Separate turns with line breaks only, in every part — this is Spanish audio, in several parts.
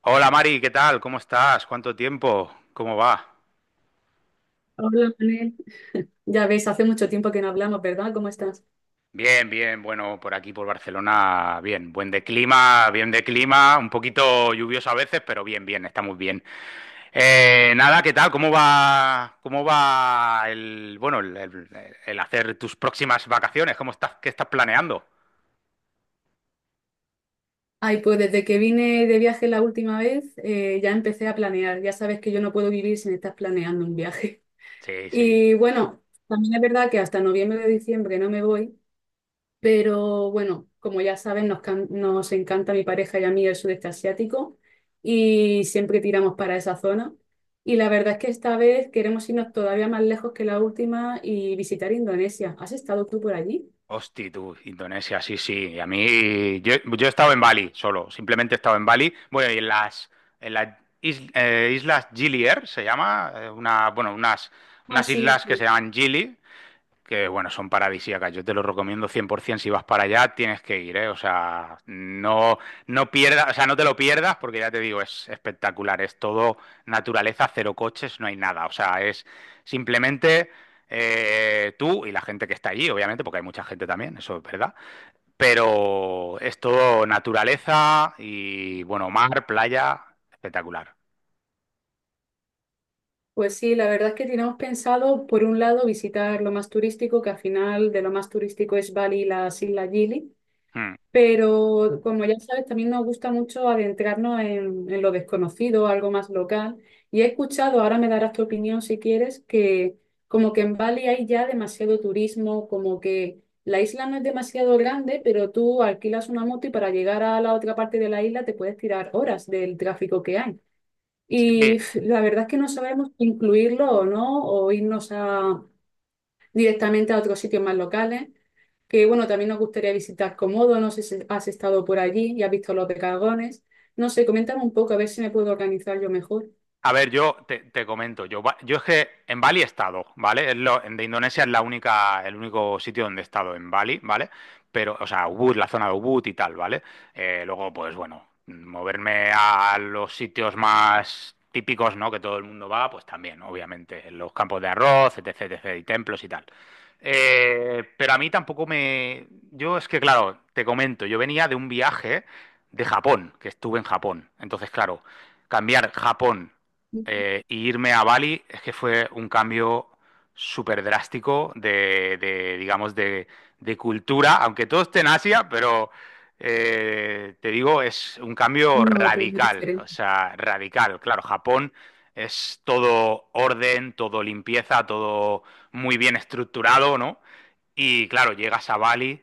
Hola Mari, ¿qué tal? ¿Cómo estás? ¿Cuánto tiempo? ¿Cómo va?
Hola, Manel. Ya ves, hace mucho tiempo que no hablamos, ¿verdad? ¿Cómo estás?
Bien, bien, bueno, por aquí por Barcelona, bien, buen de clima, bien de clima, un poquito lluvioso a veces, pero bien, bien, estamos bien. Nada, ¿qué tal? Cómo va el, bueno, el hacer tus próximas vacaciones? ¿Cómo estás, qué estás planeando?
Ay, pues desde que vine de viaje la última vez, ya empecé a planear. Ya sabes que yo no puedo vivir sin estar planeando un viaje.
Sí, sí.
Y bueno, también es verdad que hasta noviembre o diciembre no me voy, pero bueno, como ya saben nos encanta a mi pareja y a mí el sudeste asiático y siempre tiramos para esa zona. Y la verdad es que esta vez queremos irnos todavía más lejos que la última y visitar Indonesia. ¿Has estado tú por allí?
Hosti, tú, Indonesia, sí, sí. Y a mí, yo he estado en Bali solo, simplemente he estado en Bali. Bueno, y en las islas Gili Air se llama, eh, una, bueno, unas,
Ah,
unas
sí,
islas que se
sí.
llaman Gili, que bueno, son paradisíacas. Yo te lo recomiendo 100%. Si vas para allá, tienes que ir, ¿eh? O sea, no, no pierdas, o sea, no te lo pierdas porque ya te digo, es espectacular. Es todo naturaleza, cero coches, no hay nada. O sea, es simplemente tú y la gente que está allí, obviamente, porque hay mucha gente también, eso es verdad. Pero es todo naturaleza y, bueno, mar, playa, espectacular.
Pues sí, la verdad es que teníamos pensado, por un lado, visitar lo más turístico, que al final de lo más turístico es Bali y las Islas Gili,
Mm.
pero como ya sabes, también nos gusta mucho adentrarnos en lo desconocido, algo más local. Y he escuchado, ahora me darás tu opinión si quieres, que como que en Bali hay ya demasiado turismo, como que la isla no es demasiado grande, pero tú alquilas una moto y para llegar a la otra parte de la isla te puedes tirar horas del tráfico que hay.
Sí,
Y pf, la verdad es que no sabemos si incluirlo o no, o irnos a, directamente a otros sitios más locales, que bueno, también nos gustaría visitar Komodo, no sé si has estado por allí y has visto los dragones. No sé, coméntame un poco a ver si me puedo organizar yo mejor.
a ver, yo te comento, yo es que en Bali he estado, ¿vale? De Indonesia es la única, el único sitio donde he estado en Bali, ¿vale? Pero, o sea, Ubud, la zona de Ubud y tal, ¿vale? Luego, pues bueno, moverme a los sitios más típicos, ¿no? Que todo el mundo va, pues también, obviamente, en los campos de arroz, etc, etc, y templos y tal. Pero a mí tampoco me... Yo es que, claro, te comento, yo venía de un viaje de Japón, que estuve en Japón. Entonces, claro, cambiar Japón y irme a Bali es que fue un cambio súper drástico digamos, de cultura, aunque todo esté en Asia, pero te digo, es un cambio
No, pero muy
radical, o
diferente.
sea, radical. Claro, Japón es todo orden, todo limpieza, todo muy bien estructurado, ¿no? Y claro, llegas a Bali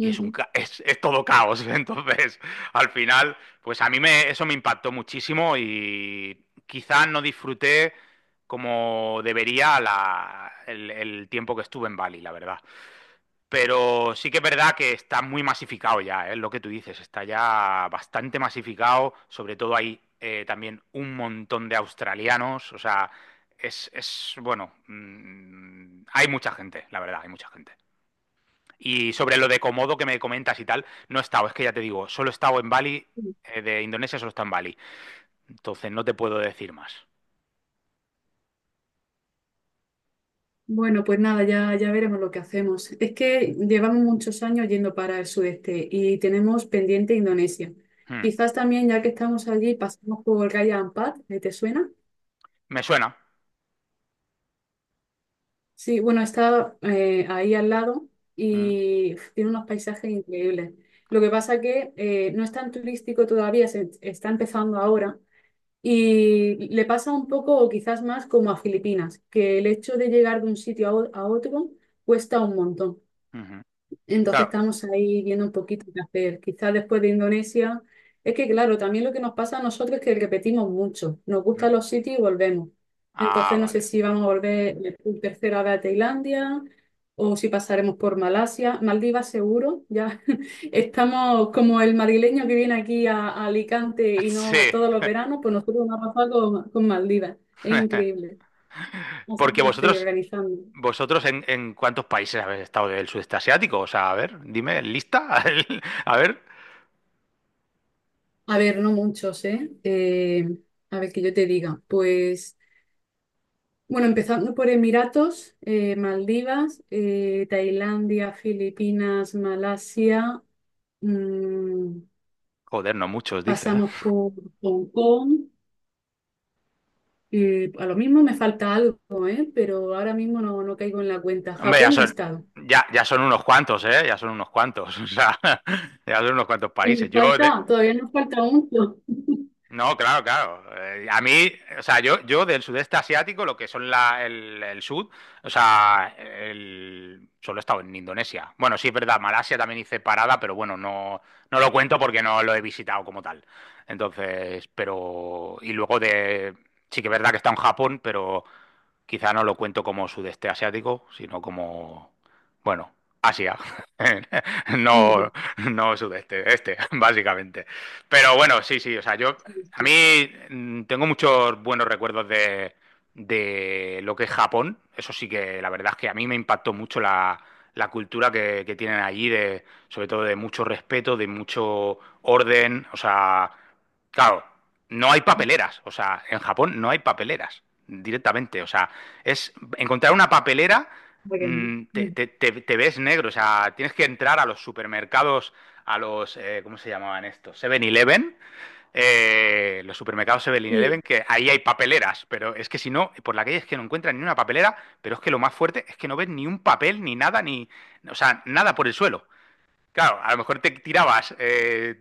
y es, es todo caos. Entonces, al final, pues a mí me, eso me impactó muchísimo y quizás no disfruté como debería el tiempo que estuve en Bali, la verdad. Pero sí que es verdad que está muy masificado ya, es lo que tú dices, está ya bastante masificado, sobre todo hay también un montón de australianos, o sea, es, es bueno, hay mucha gente, la verdad, hay mucha gente. Y sobre lo de Komodo que me comentas y tal, no he estado, es que ya te digo, solo he estado en Bali, de Indonesia solo está en Bali. Entonces no te puedo decir más.
Bueno, pues nada, ya, ya veremos lo que hacemos. Es que llevamos muchos años yendo para el sudeste y tenemos pendiente Indonesia.
Hmm.
Quizás también, ya que estamos allí, pasamos por Raja Ampat, ¿eh? ¿Te suena?
Me suena.
Sí, bueno, está ahí al lado
Hmm.
y uf, tiene unos paisajes increíbles. Lo que pasa que no es tan turístico todavía, se está empezando ahora y le pasa un poco o quizás más como a Filipinas, que el hecho de llegar de un sitio a otro cuesta un montón.
Ujú.
Entonces
Claro.
estamos ahí viendo un poquito qué hacer. Quizás después de Indonesia, es que claro, también lo que nos pasa a nosotros es que repetimos mucho. Nos
Hmm.
gustan los sitios y volvemos.
Ah,
Entonces no sé
vale.
si vamos a volver por tercera vez a Tailandia o si pasaremos por Malasia. Maldivas seguro, ya estamos como el madrileño que viene aquí a Alicante y no
Sí.
todos los veranos, pues nosotros nos ha pasado con Maldivas. Es increíble. Así
Porque
que estoy
vosotros,
organizando.
Vosotros en, ¿en cuántos países habéis estado del sudeste asiático? O sea, a ver, dime, ¿lista? A ver.
A ver, no muchos, ¿eh? A ver, que yo te diga. Pues, bueno, empezando por Emiratos, Maldivas, Tailandia, Filipinas, Malasia, mm,
Joder, no muchos, dice.
pasamos por Hong Kong. A lo mismo me falta algo, ¿eh? Pero ahora mismo no, no caigo en la cuenta.
Hombre, ya
Japón no he
son,
estado.
ya, ya son unos cuantos, ¿eh? Ya son unos cuantos. O sea, ya son unos cuantos
Y
países.
me falta, todavía nos falta mucho.
No, claro, claro. A mí, o sea, yo del sudeste asiático, lo que son el sur, o sea, solo he estado en Indonesia. Bueno, sí es verdad, Malasia también hice parada, pero bueno, no, no lo cuento porque no lo he visitado como tal. Entonces, pero, y luego de, sí que es verdad que está en Japón, pero quizá no lo cuento como sudeste asiático, sino como, bueno, Asia. No,
Ujú.
no sudeste, este, básicamente. Pero bueno, sí, sí, o sea, yo,
Sí,
a
sí,
mí tengo muchos buenos recuerdos de lo que es Japón. Eso sí que la verdad es que a mí me impactó mucho la cultura que tienen allí, de, sobre todo de mucho respeto, de mucho orden. O sea, claro, no hay papeleras. O sea, en Japón no hay papeleras directamente. O sea, es encontrar una papelera,
porque- ujú,
te ves negro. O sea, tienes que entrar a los supermercados, ¿cómo se llamaban estos? 7-Eleven, los supermercados
sí,
7-Eleven, que ahí hay papeleras, pero es que si no, por la calle es que no encuentran ni una papelera, pero es que lo más fuerte es que no ves ni un papel, ni nada, ni, o sea, nada por el suelo. Claro, a lo mejor te tirabas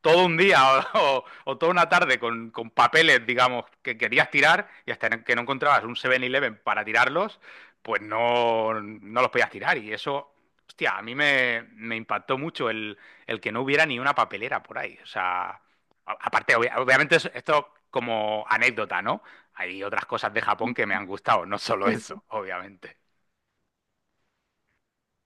todo un día o, o- o toda una tarde con papeles, digamos, que querías tirar y hasta que no encontrabas un 7-Eleven para tirarlos, pues no, no los podías tirar. Y eso, hostia, a mí me, me impactó mucho el que no hubiera ni una papelera por ahí. O sea, aparte, obviamente esto como anécdota, ¿no? Hay otras cosas de Japón que me han gustado, no solo
sí,
eso,
sí.
obviamente.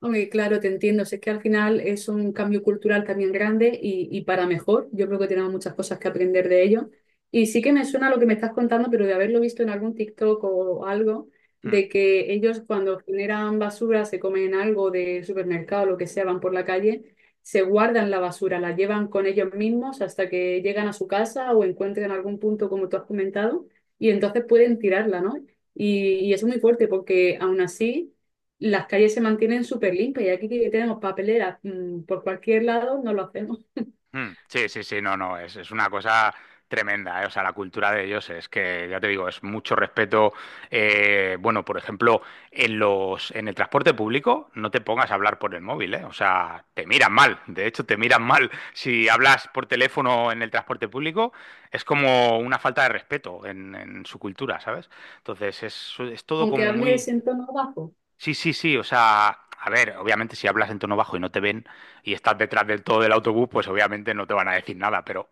Oye, claro, te entiendo. Si es que al final es un cambio cultural también grande y para mejor. Yo creo que tenemos muchas cosas que aprender de ello. Y sí que me suena lo que me estás contando, pero de haberlo visto en algún TikTok o algo,
Hmm.
de que ellos cuando generan basura, se comen algo de supermercado o lo que sea, van por la calle, se guardan la basura, la llevan con ellos mismos hasta que llegan a su casa o encuentren algún punto, como tú has comentado, y entonces pueden tirarla, ¿no? Y eso es muy fuerte porque aún así las calles se mantienen súper limpias y aquí que tenemos papeleras por cualquier lado, no lo hacemos.
Sí, sí, sí, no, no, es una cosa tremenda, ¿eh? O sea, la cultura de ellos es que, ya te digo, es mucho respeto. Bueno, por ejemplo, en el transporte público no te pongas a hablar por el móvil, ¿eh? O sea, te miran mal, de hecho, te miran mal. Si hablas por teléfono en el transporte público, es como una falta de respeto en su cultura, ¿sabes? Entonces, es todo
Aunque
como muy...
hables en tono bajo.
Sí, sí, sí, o sea, a ver, obviamente si hablas en tono bajo y no te ven y estás detrás del todo del autobús, pues obviamente no te van a decir nada, pero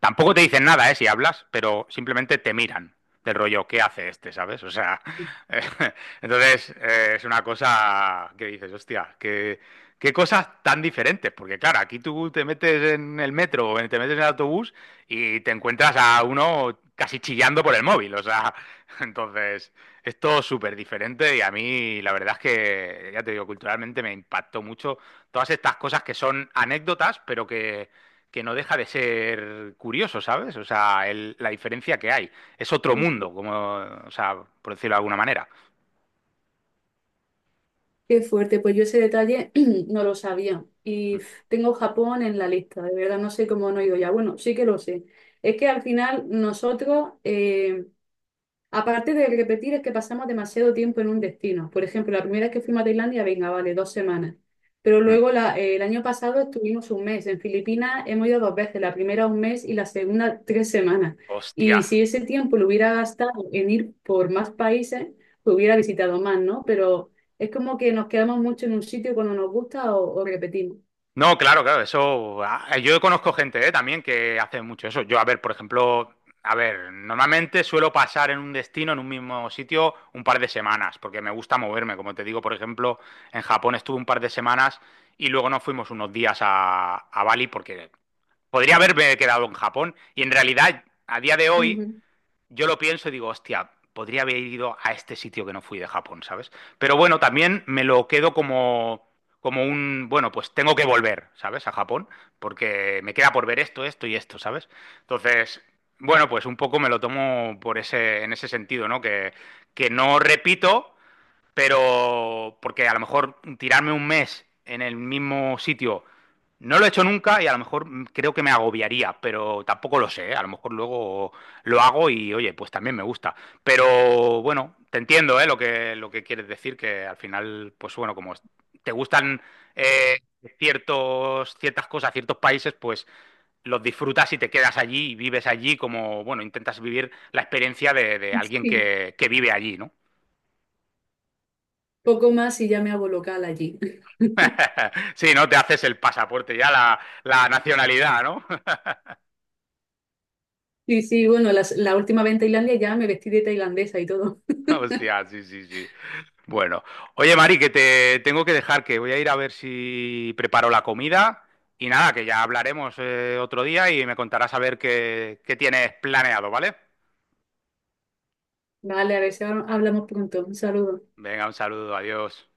tampoco te dicen nada, ¿eh? Si hablas, pero simplemente te miran del rollo, ¿qué hace este? ¿Sabes? O sea, entonces es una cosa que dices, hostia, qué, qué cosas tan diferentes, porque claro, aquí tú te metes en el metro o te metes en el autobús y te encuentras a uno casi chillando por el móvil, o sea, entonces es todo súper diferente y a mí la verdad es que, ya te digo, culturalmente me impactó mucho todas estas cosas que son anécdotas, pero que no deja de ser curioso, ¿sabes? O sea, la diferencia que hay. Es otro mundo, como, o sea, por decirlo de alguna manera.
Qué fuerte, pues yo ese detalle no lo sabía. Y pf, tengo Japón en la lista, de verdad no sé cómo no he ido ya. Bueno, sí que lo sé. Es que al final nosotros, aparte de repetir, es que pasamos demasiado tiempo en un destino. Por ejemplo, la primera vez que fuimos a Tailandia, venga, vale, 2 semanas. Pero
Mm.
luego el año pasado estuvimos un mes. En Filipinas hemos ido 2 veces, la primera un mes y la segunda 3 semanas.
Hostia.
Y si ese tiempo lo hubiera gastado en ir por más países, pues hubiera visitado más, ¿no? Pero es como que nos quedamos mucho en un sitio cuando nos gusta o repetimos.
No, claro, claro, eso. Yo conozco gente, también que hace mucho eso. Yo, a ver, por ejemplo, a ver, normalmente suelo pasar en un destino, en un mismo sitio, un par de semanas, porque me gusta moverme. Como te digo, por ejemplo, en Japón estuve un par de semanas y luego nos fuimos unos días a Bali porque podría haberme quedado en Japón y en realidad, a día de hoy
Ujú.
yo lo pienso y digo, hostia, podría haber ido a este sitio que no fui de Japón, ¿sabes? Pero bueno, también me lo quedo como, como un, bueno, pues tengo que volver, ¿sabes? A Japón, porque me queda por ver esto, esto y esto, ¿sabes? Entonces, bueno, pues un poco me lo tomo por ese, en ese sentido, ¿no? Que no repito, pero porque a lo mejor tirarme 1 mes en el mismo sitio no lo he hecho nunca y a lo mejor creo que me agobiaría, pero tampoco lo sé, ¿eh? A lo mejor luego lo hago y oye, pues también me gusta. Pero bueno, te entiendo, ¿eh? Lo que quieres decir, que al final, pues bueno, te gustan eh, ciertos, ciertas cosas, ciertos países, pues los disfrutas y te quedas allí y vives allí como, bueno, intentas vivir la experiencia de alguien
Sí.
que vive allí, ¿no?
Poco más y ya me hago local allí.
Sí, ¿no? Te haces el pasaporte ya, la nacionalidad, ¿no?
Sí, sí, bueno, la última vez en Tailandia ya me vestí de tailandesa y todo.
Hostia, sí, sí, sí. Bueno, oye, Mari, que te tengo que dejar, que voy a ir a ver si preparo la comida y nada, que ya hablaremos otro día y me contarás a ver qué, qué tienes planeado, ¿vale?
Vale, a ver si hablamos pronto. Un saludo.
Venga, un saludo, adiós.